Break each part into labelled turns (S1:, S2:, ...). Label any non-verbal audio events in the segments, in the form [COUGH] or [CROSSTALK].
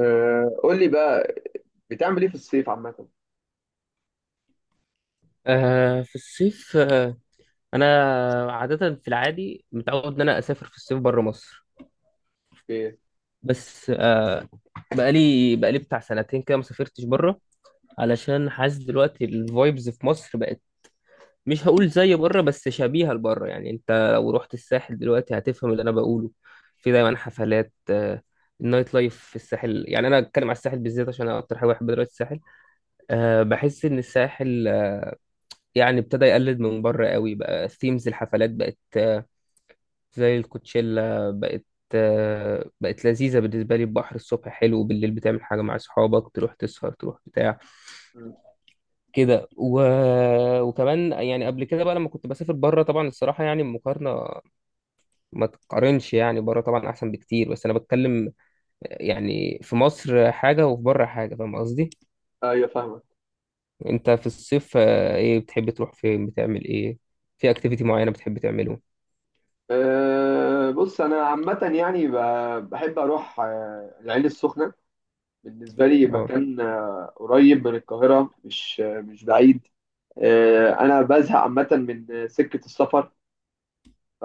S1: قول لي بقى، بتعمل ايه في الصيف عامة؟
S2: آه، في الصيف انا عاده في العادي متعود ان انا اسافر في الصيف بره مصر.
S1: ايه؟
S2: بس بقالي بتاع سنتين كده ما سافرتش بره، علشان حاسس دلوقتي الفايبز في مصر بقت مش هقول زي بره بس شبيهه لبره. يعني انت لو رحت الساحل دلوقتي هتفهم اللي انا بقوله. في دايما حفلات، النايت لايف في الساحل. يعني انا اتكلم على الساحل بالذات عشان انا اكتر حاجه بحب دلوقتي الساحل. بحس ان الساحل يعني ابتدى يقلد من بره قوي، بقى ثيمز الحفلات بقت زي الكوتشيلا. بقت بقت لذيذة بالنسبة لي. البحر الصبح حلو، بالليل بتعمل حاجة مع أصحابك، تروح تسهر تروح بتاع
S1: مم.
S2: كده وكمان يعني. قبل كده بقى لما كنت بسافر بره طبعا الصراحة، يعني المقارنة ما تقارنش. يعني بره طبعا أحسن بكتير، بس أنا بتكلم يعني في مصر حاجة وفي بره حاجة. فاهم قصدي؟
S1: ايوه فاهمك.
S2: أنت في الصيف إيه بتحب تروح فين، بتعمل إيه؟ في أكتيفيتي معينة بتحب تعمله؟
S1: بص انا عامة يعني بحب اروح العين السخنة. بالنسبة لي
S2: أه.
S1: مكان قريب من القاهرة، مش بعيد. انا بزهق عامة من سكة السفر. ف...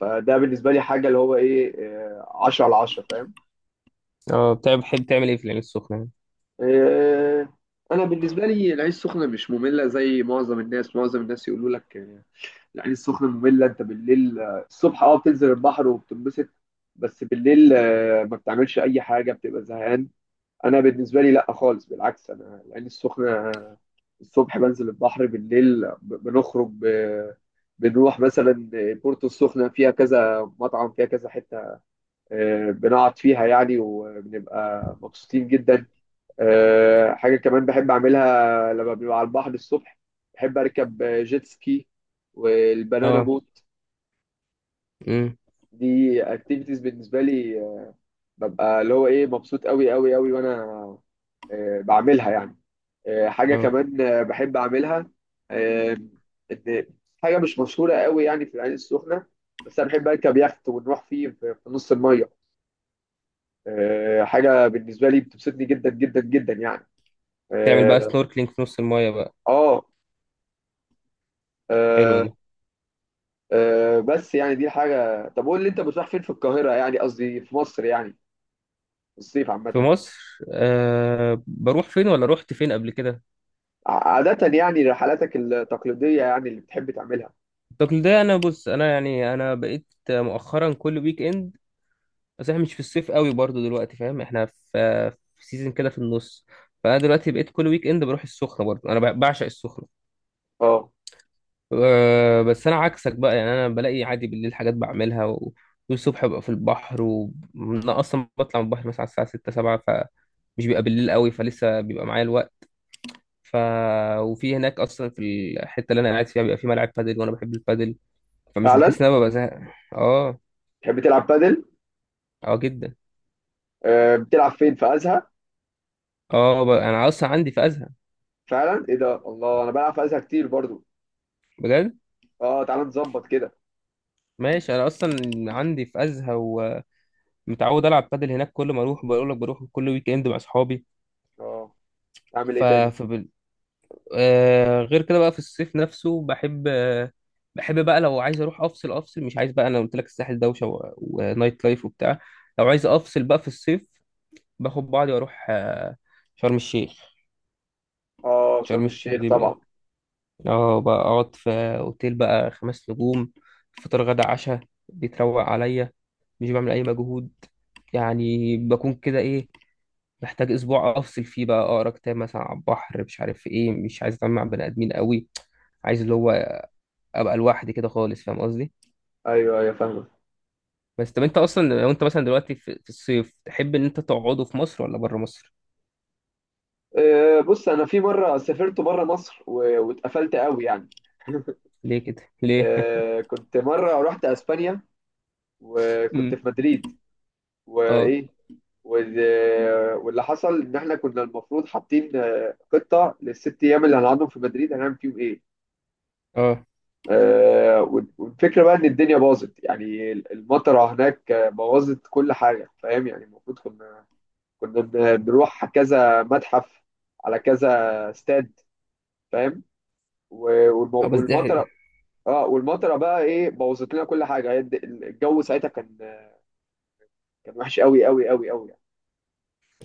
S1: فده بالنسبة لي حاجة اللي هو ايه 10/10، فاهم؟
S2: أه، بتحب تعمل إيه في العين السخنة يعني؟
S1: أه انا بالنسبة لي العين السخنة مش مملة زي معظم الناس. معظم الناس يقولوا لك العين السخنه ممله. انت بالليل الصبح بتنزل البحر وبتنبسط. بس بالليل ما بتعملش اي حاجه، بتبقى زهقان. انا بالنسبه لي لا خالص، بالعكس. انا العين السخنه الصبح بنزل البحر، بالليل بنخرج بنروح مثلا بورتو السخنه. فيها كذا مطعم، فيها كذا حته، بنقعد فيها يعني وبنبقى مبسوطين جدا. حاجه كمان بحب اعملها لما بنبقى على البحر الصبح، بحب اركب جيت سكي والبنانا
S2: أه.
S1: بوت.
S2: أمم.
S1: دي اكتيفيتيز بالنسبه لي، ببقى اللي هو ايه مبسوط قوي قوي قوي. وانا بعملها يعني. حاجه
S2: أه،
S1: كمان بحب اعملها. آه، إن حاجه مش مشهوره قوي يعني في العين السخنه، بس انا بحب اركب يخت ونروح فيه في نص الميه. حاجه بالنسبه لي بتبسطني جدا جدا جدا يعني.
S2: تعمل بقى
S1: اه
S2: سنوركلينج في نص المايه بقى،
S1: آه،
S2: حلوه
S1: آه،
S2: دي.
S1: بس يعني دي حاجه. طب قول لي انت بتروح فين في القاهره يعني، قصدي في مصر يعني، في الصيف
S2: في
S1: عامه.
S2: مصر أه بروح فين، ولا رحت فين قبل كده؟
S1: عادة يعني، رحلاتك التقليدية يعني اللي بتحب تعملها.
S2: التقليد ده، انا بص انا يعني انا بقيت مؤخرا كل ويك اند. بس احنا مش في الصيف قوي برضو دلوقتي، فاهم؟ احنا في سيزون كده في النص. فانا دلوقتي بقيت كل ويك اند بروح السخنه برضو، انا بعشق السخنه.
S1: اه،
S2: أه بس انا عكسك بقى، يعني انا بلاقي عادي بالليل حاجات بعملها والصبح ببقى في البحر. وانا اصلا بطلع من البحر مثلا على الساعه 6 7، فمش بيبقى بالليل قوي، فلسه بيبقى معايا الوقت. ف وفي هناك اصلا في الحته اللي انا قاعد فيها بيبقى في ملعب بادل، وانا بحب البادل. فمش
S1: فعلا.
S2: بحس ان انا ببقى زهق. اه،
S1: بتحب تلعب بادل؟
S2: اه جدا.
S1: بتلعب فين؟ في ازهى؟
S2: اه انا اصلا عندي في ازهى.
S1: فعلا؟ ايه ده، الله، انا بلعب في ازهى كتير برضو.
S2: بجد؟
S1: اه، تعال نظبط كده.
S2: ماشي، انا اصلا عندي في ازهى ومتعود العب بادل هناك، كل ما اروح بقول لك بروح كل ويك اند مع اصحابي.
S1: اه، اعمل
S2: ف
S1: ايه تاني؟
S2: فبال... آه، غير كده بقى في الصيف نفسه بحب بحب بقى. لو عايز اروح افصل افصل، مش عايز بقى. انا قلت لك الساحل دوشه ونايت لايف وبتاع. لو عايز افصل بقى في الصيف باخد بعضي واروح شرم الشيخ.
S1: اه،
S2: شرم
S1: شرم
S2: الشيخ
S1: الشيخ
S2: دي بقى
S1: طبعا.
S2: اه، بقى اقعد في اوتيل بقى خمس نجوم، فطار غدا عشاء، بيتروق عليا، مش بعمل اي مجهود. يعني بكون كده ايه، محتاج اسبوع افصل فيه بقى، اقرا كتاب مثلا على البحر، مش عارف ايه، مش عايز اتعامل مع بني ادمين قوي. عايز اللي هو ابقى لوحدي كده خالص، فاهم قصدي؟
S1: ايوه، ايوه، فاهمة.
S2: بس طب انت اصلا لو انت مثلا دلوقتي في الصيف تحب ان انت تقعده في مصر ولا بره مصر؟
S1: بص انا في مرة سافرت بره مصر واتقفلت قوي يعني.
S2: ليه كده ليه؟ [LAUGHS]
S1: كنت مرة رحت اسبانيا وكنت
S2: امم.
S1: في مدريد.
S2: اه.
S1: وايه، وال- واللي حصل ان احنا كنا المفروض حاطين خطه للست ايام اللي هنقعدهم في مدريد هنعمل فيهم ايه.
S2: اه.
S1: والفكره بقى ان الدنيا باظت يعني، المطره هناك بوظت كل حاجه، فاهم يعني. المفروض كنا بنروح كذا متحف، على كذا استاد، فاهم.
S2: اه بس ده.
S1: والمطره... اه والمطره بقى ايه بوظت لنا كل حاجه. هي الجو ساعتها كان وحش قوي قوي قوي قوي.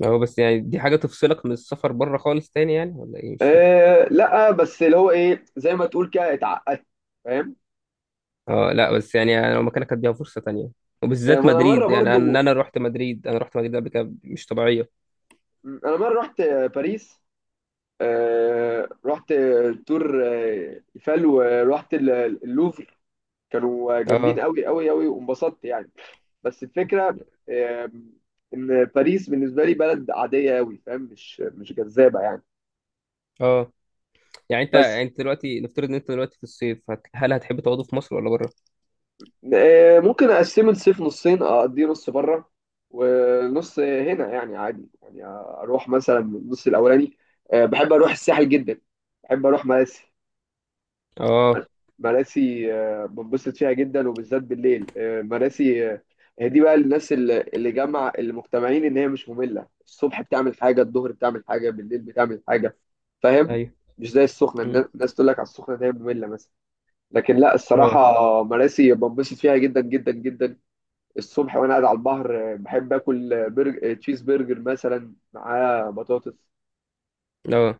S2: هو بس يعني دي حاجة تفصلك من السفر بره خالص تاني يعني، ولا ايه؟ مش فاهم.
S1: لا بس اللي هو ايه، زي ما تقول كده، اتعقدت، فاهم.
S2: اه لا بس يعني انا لو مكانك اديها فرصة تانية، وبالذات
S1: ما انا مره
S2: مدريد. يعني ان
S1: برضو،
S2: انا رحت مدريد، انا رحت مدريد قبل كده مش طبيعية.
S1: انا مره رحت باريس. رحت تور ايفل ورحت اللوفر. كانوا
S2: اه.
S1: جامدين قوي قوي قوي وانبسطت يعني. بس الفكره، آه ان باريس بالنسبه لي بلد عاديه قوي، فاهم، مش جذابه يعني.
S2: اه، يعني انت
S1: بس
S2: دلوقتي نفترض ان انت دلوقتي في الصيف هل هتحب تقعدوا في مصر ولا بره؟
S1: ممكن اقسم الصيف نصين، اقضيه نص بره ونص هنا يعني عادي. يعني اروح مثلا النص الاولاني. بحب اروح الساحل جدا، بحب اروح مراسي.
S2: اه.
S1: مراسي بنبسط فيها جدا وبالذات بالليل. مراسي هي دي بقى الناس اللي جمع اللي مجتمعين ان هي مش ممله. الصبح بتعمل حاجه، الظهر بتعمل حاجه، بالليل بتعمل حاجه، فاهم.
S2: ايوه.
S1: مش زي السخنه.
S2: مم.
S1: الناس تقول لك على السخنه ان هي ممله مثلا. لكن لا، الصراحه
S2: اه.
S1: مراسي بنبسط فيها جدا جدا جدا. الصبح وانا قاعد على البحر بحب اكل برجر، تشيز برجر مثلا معاه بطاطس.
S2: اه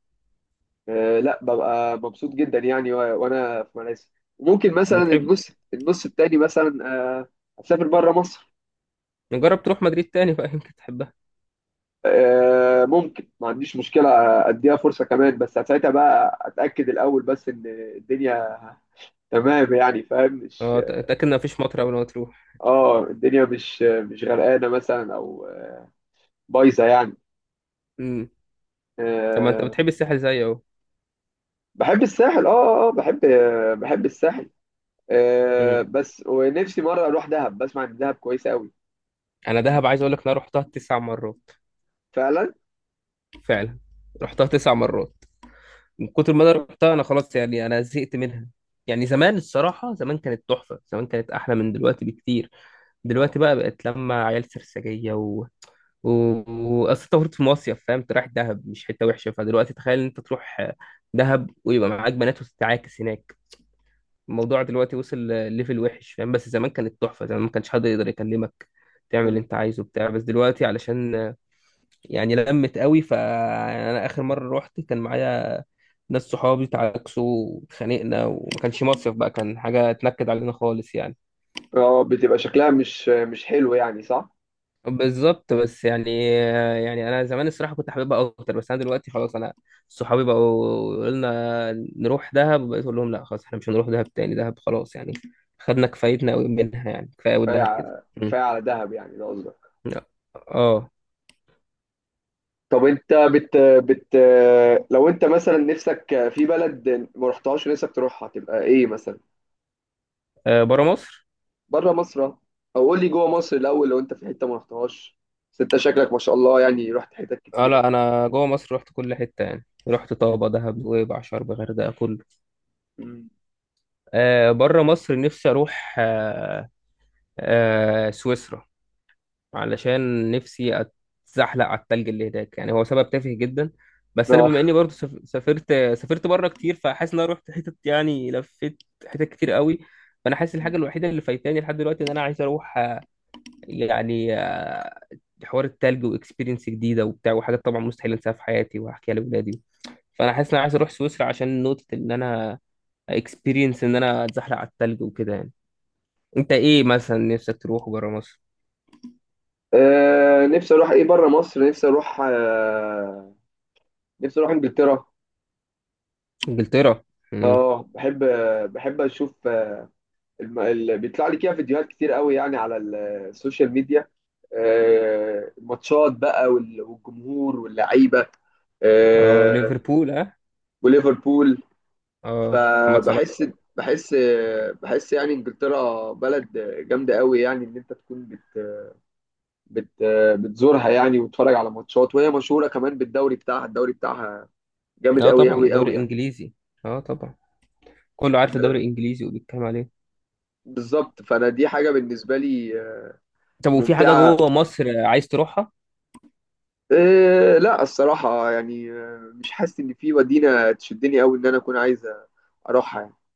S1: لا ببقى مبسوط جدا يعني. وانا في ماليزيا ممكن مثلا
S2: بتحب
S1: النص التاني مثلا. آه، اسافر بره مصر.
S2: نجرب تروح مدريد تاني بقى، يمكن تحبها.
S1: ممكن ما عنديش مشكلة، اديها فرصة كمان. بس ساعتها بقى اتاكد الاول بس ان الدنيا تمام يعني، فاهم، مش...
S2: اه اتاكد ان مفيش مطر قبل ما تروح.
S1: اه الدنيا مش غرقانة مثلا او بايظة يعني.
S2: امم. طب ما انت
S1: آه،
S2: بتحب الساحل زيي اهو.
S1: بحب الساحل اه. اه آه، بحب بحب الساحل.
S2: مم.
S1: بس ونفسي مرة أروح دهب، بسمع إن دهب كويسة أوي.
S2: انا دهب عايز اقول لك انا رحتها تسع مرات.
S1: فعلا.
S2: فعلا، رحتها تسع مرات. من كتر ما انا رحتها انا خلاص يعني انا زهقت منها. يعني زمان الصراحة زمان كانت تحفة، زمان كانت أحلى من دلوقتي بكتير. دلوقتي
S1: اه.
S2: بقى بقت لما عيال سرسجية و وأصل أنت المفروض في مصيف، فاهم؟ أنت رايح دهب مش حتة وحشة، فدلوقتي تخيل إن أنت تروح دهب ويبقى معاك بنات وتتعاكس هناك. الموضوع دلوقتي وصل ليفل وحش، فاهم؟ بس زمان كانت تحفة، زمان ما كانش حد يقدر يكلمك، تعمل اللي
S1: مم.
S2: أنت عايزه بتاع. بس دلوقتي علشان يعني لمت قوي. فانا اخر مره رحت كان معايا ناس صحابي تعاكسوا واتخانقنا، وما كانش مصيف بقى، كان حاجه اتنكد علينا خالص يعني.
S1: اه، بتبقى شكلها مش حلو يعني، صح.
S2: بالظبط، بس يعني يعني انا زمان الصراحه كنت حاببها اكتر، بس انا دلوقتي خلاص. انا صحابي بقوا يقولوا لنا نروح دهب، بقيت اقول لهم لا خلاص احنا مش هنروح دهب تاني. دهب خلاص يعني خدنا كفايتنا قوي منها، يعني كفايه قوي دهب كده.
S1: كفاية
S2: مم.
S1: على دهب يعني، ده قصدك.
S2: اه.
S1: طب أنت بت بت لو أنت مثلا نفسك في بلد ما رحتهاش ونفسك تروحها تبقى إيه مثلا؟
S2: بره مصر.
S1: بره مصر أهو. أو قول لي جوه مصر الأول، لو أنت في حتة ما رحتهاش. بس أنت شكلك ما شاء الله يعني، رحت حتت
S2: اه
S1: كتيرة.
S2: لا، انا جوه مصر رحت كل حته، يعني رحت طابه دهب نويبع شرم غردقه كله.
S1: مم.
S2: آه بره مصر نفسي اروح آه سويسرا، علشان نفسي اتزحلق على التلج اللي هناك. يعني هو سبب تافه جدا، بس انا
S1: آه.
S2: بما اني برضو سافرت بره كتير، فحاسس ان انا رحت حتت يعني لفيت حتت كتير قوي. فانا حاسس الحاجه
S1: مم.
S2: الوحيده اللي فايتاني لحد دلوقتي ان انا عايز اروح يعني حوار التلج واكسبيرينس جديده وبتاع، وحاجات طبعا مستحيل انساها في حياتي وهحكيها لاولادي. فانا حاسس ان انا عايز اروح سويسرا عشان نقطه ان انا اكسبيرينس ان انا اتزحلق على التلج وكده يعني. انت ايه مثلا نفسك تروح بره مصر؟
S1: نفسي اروح ايه بره مصر، نفسي اروح انجلترا.
S2: انجلترا. امم.
S1: اه، بحب اشوف. بيطلع لي كده فيديوهات كتير قوي يعني على السوشيال ميديا. الماتشات بقى والجمهور واللعيبه.
S2: اه.
S1: آه،
S2: ليفربول. اه.
S1: وليفربول.
S2: اه محمد صلاح.
S1: فبحس بحس بحس يعني انجلترا بلد جامده قوي يعني ان انت تكون بت بت بتزورها يعني، وتتفرج على ماتشات، وهي مشهوره كمان بالدوري بتاعها. الدوري بتاعها جامد
S2: اه
S1: قوي
S2: طبعا
S1: قوي قوي
S2: دوري
S1: يعني.
S2: انجليزي. اه طبعا، كله عارف
S1: آه،
S2: الدوري الانجليزي وبيتكلم عليه.
S1: بالظبط، فانا دي حاجه بالنسبه لي
S2: طب وفي حاجه
S1: ممتعة.
S2: جوه مصر عايز تروحها؟
S1: إيه لا، الصراحة يعني مش حاسس إن في مدينة تشدني أوي إن أنا أكون عايز أروحها يعني.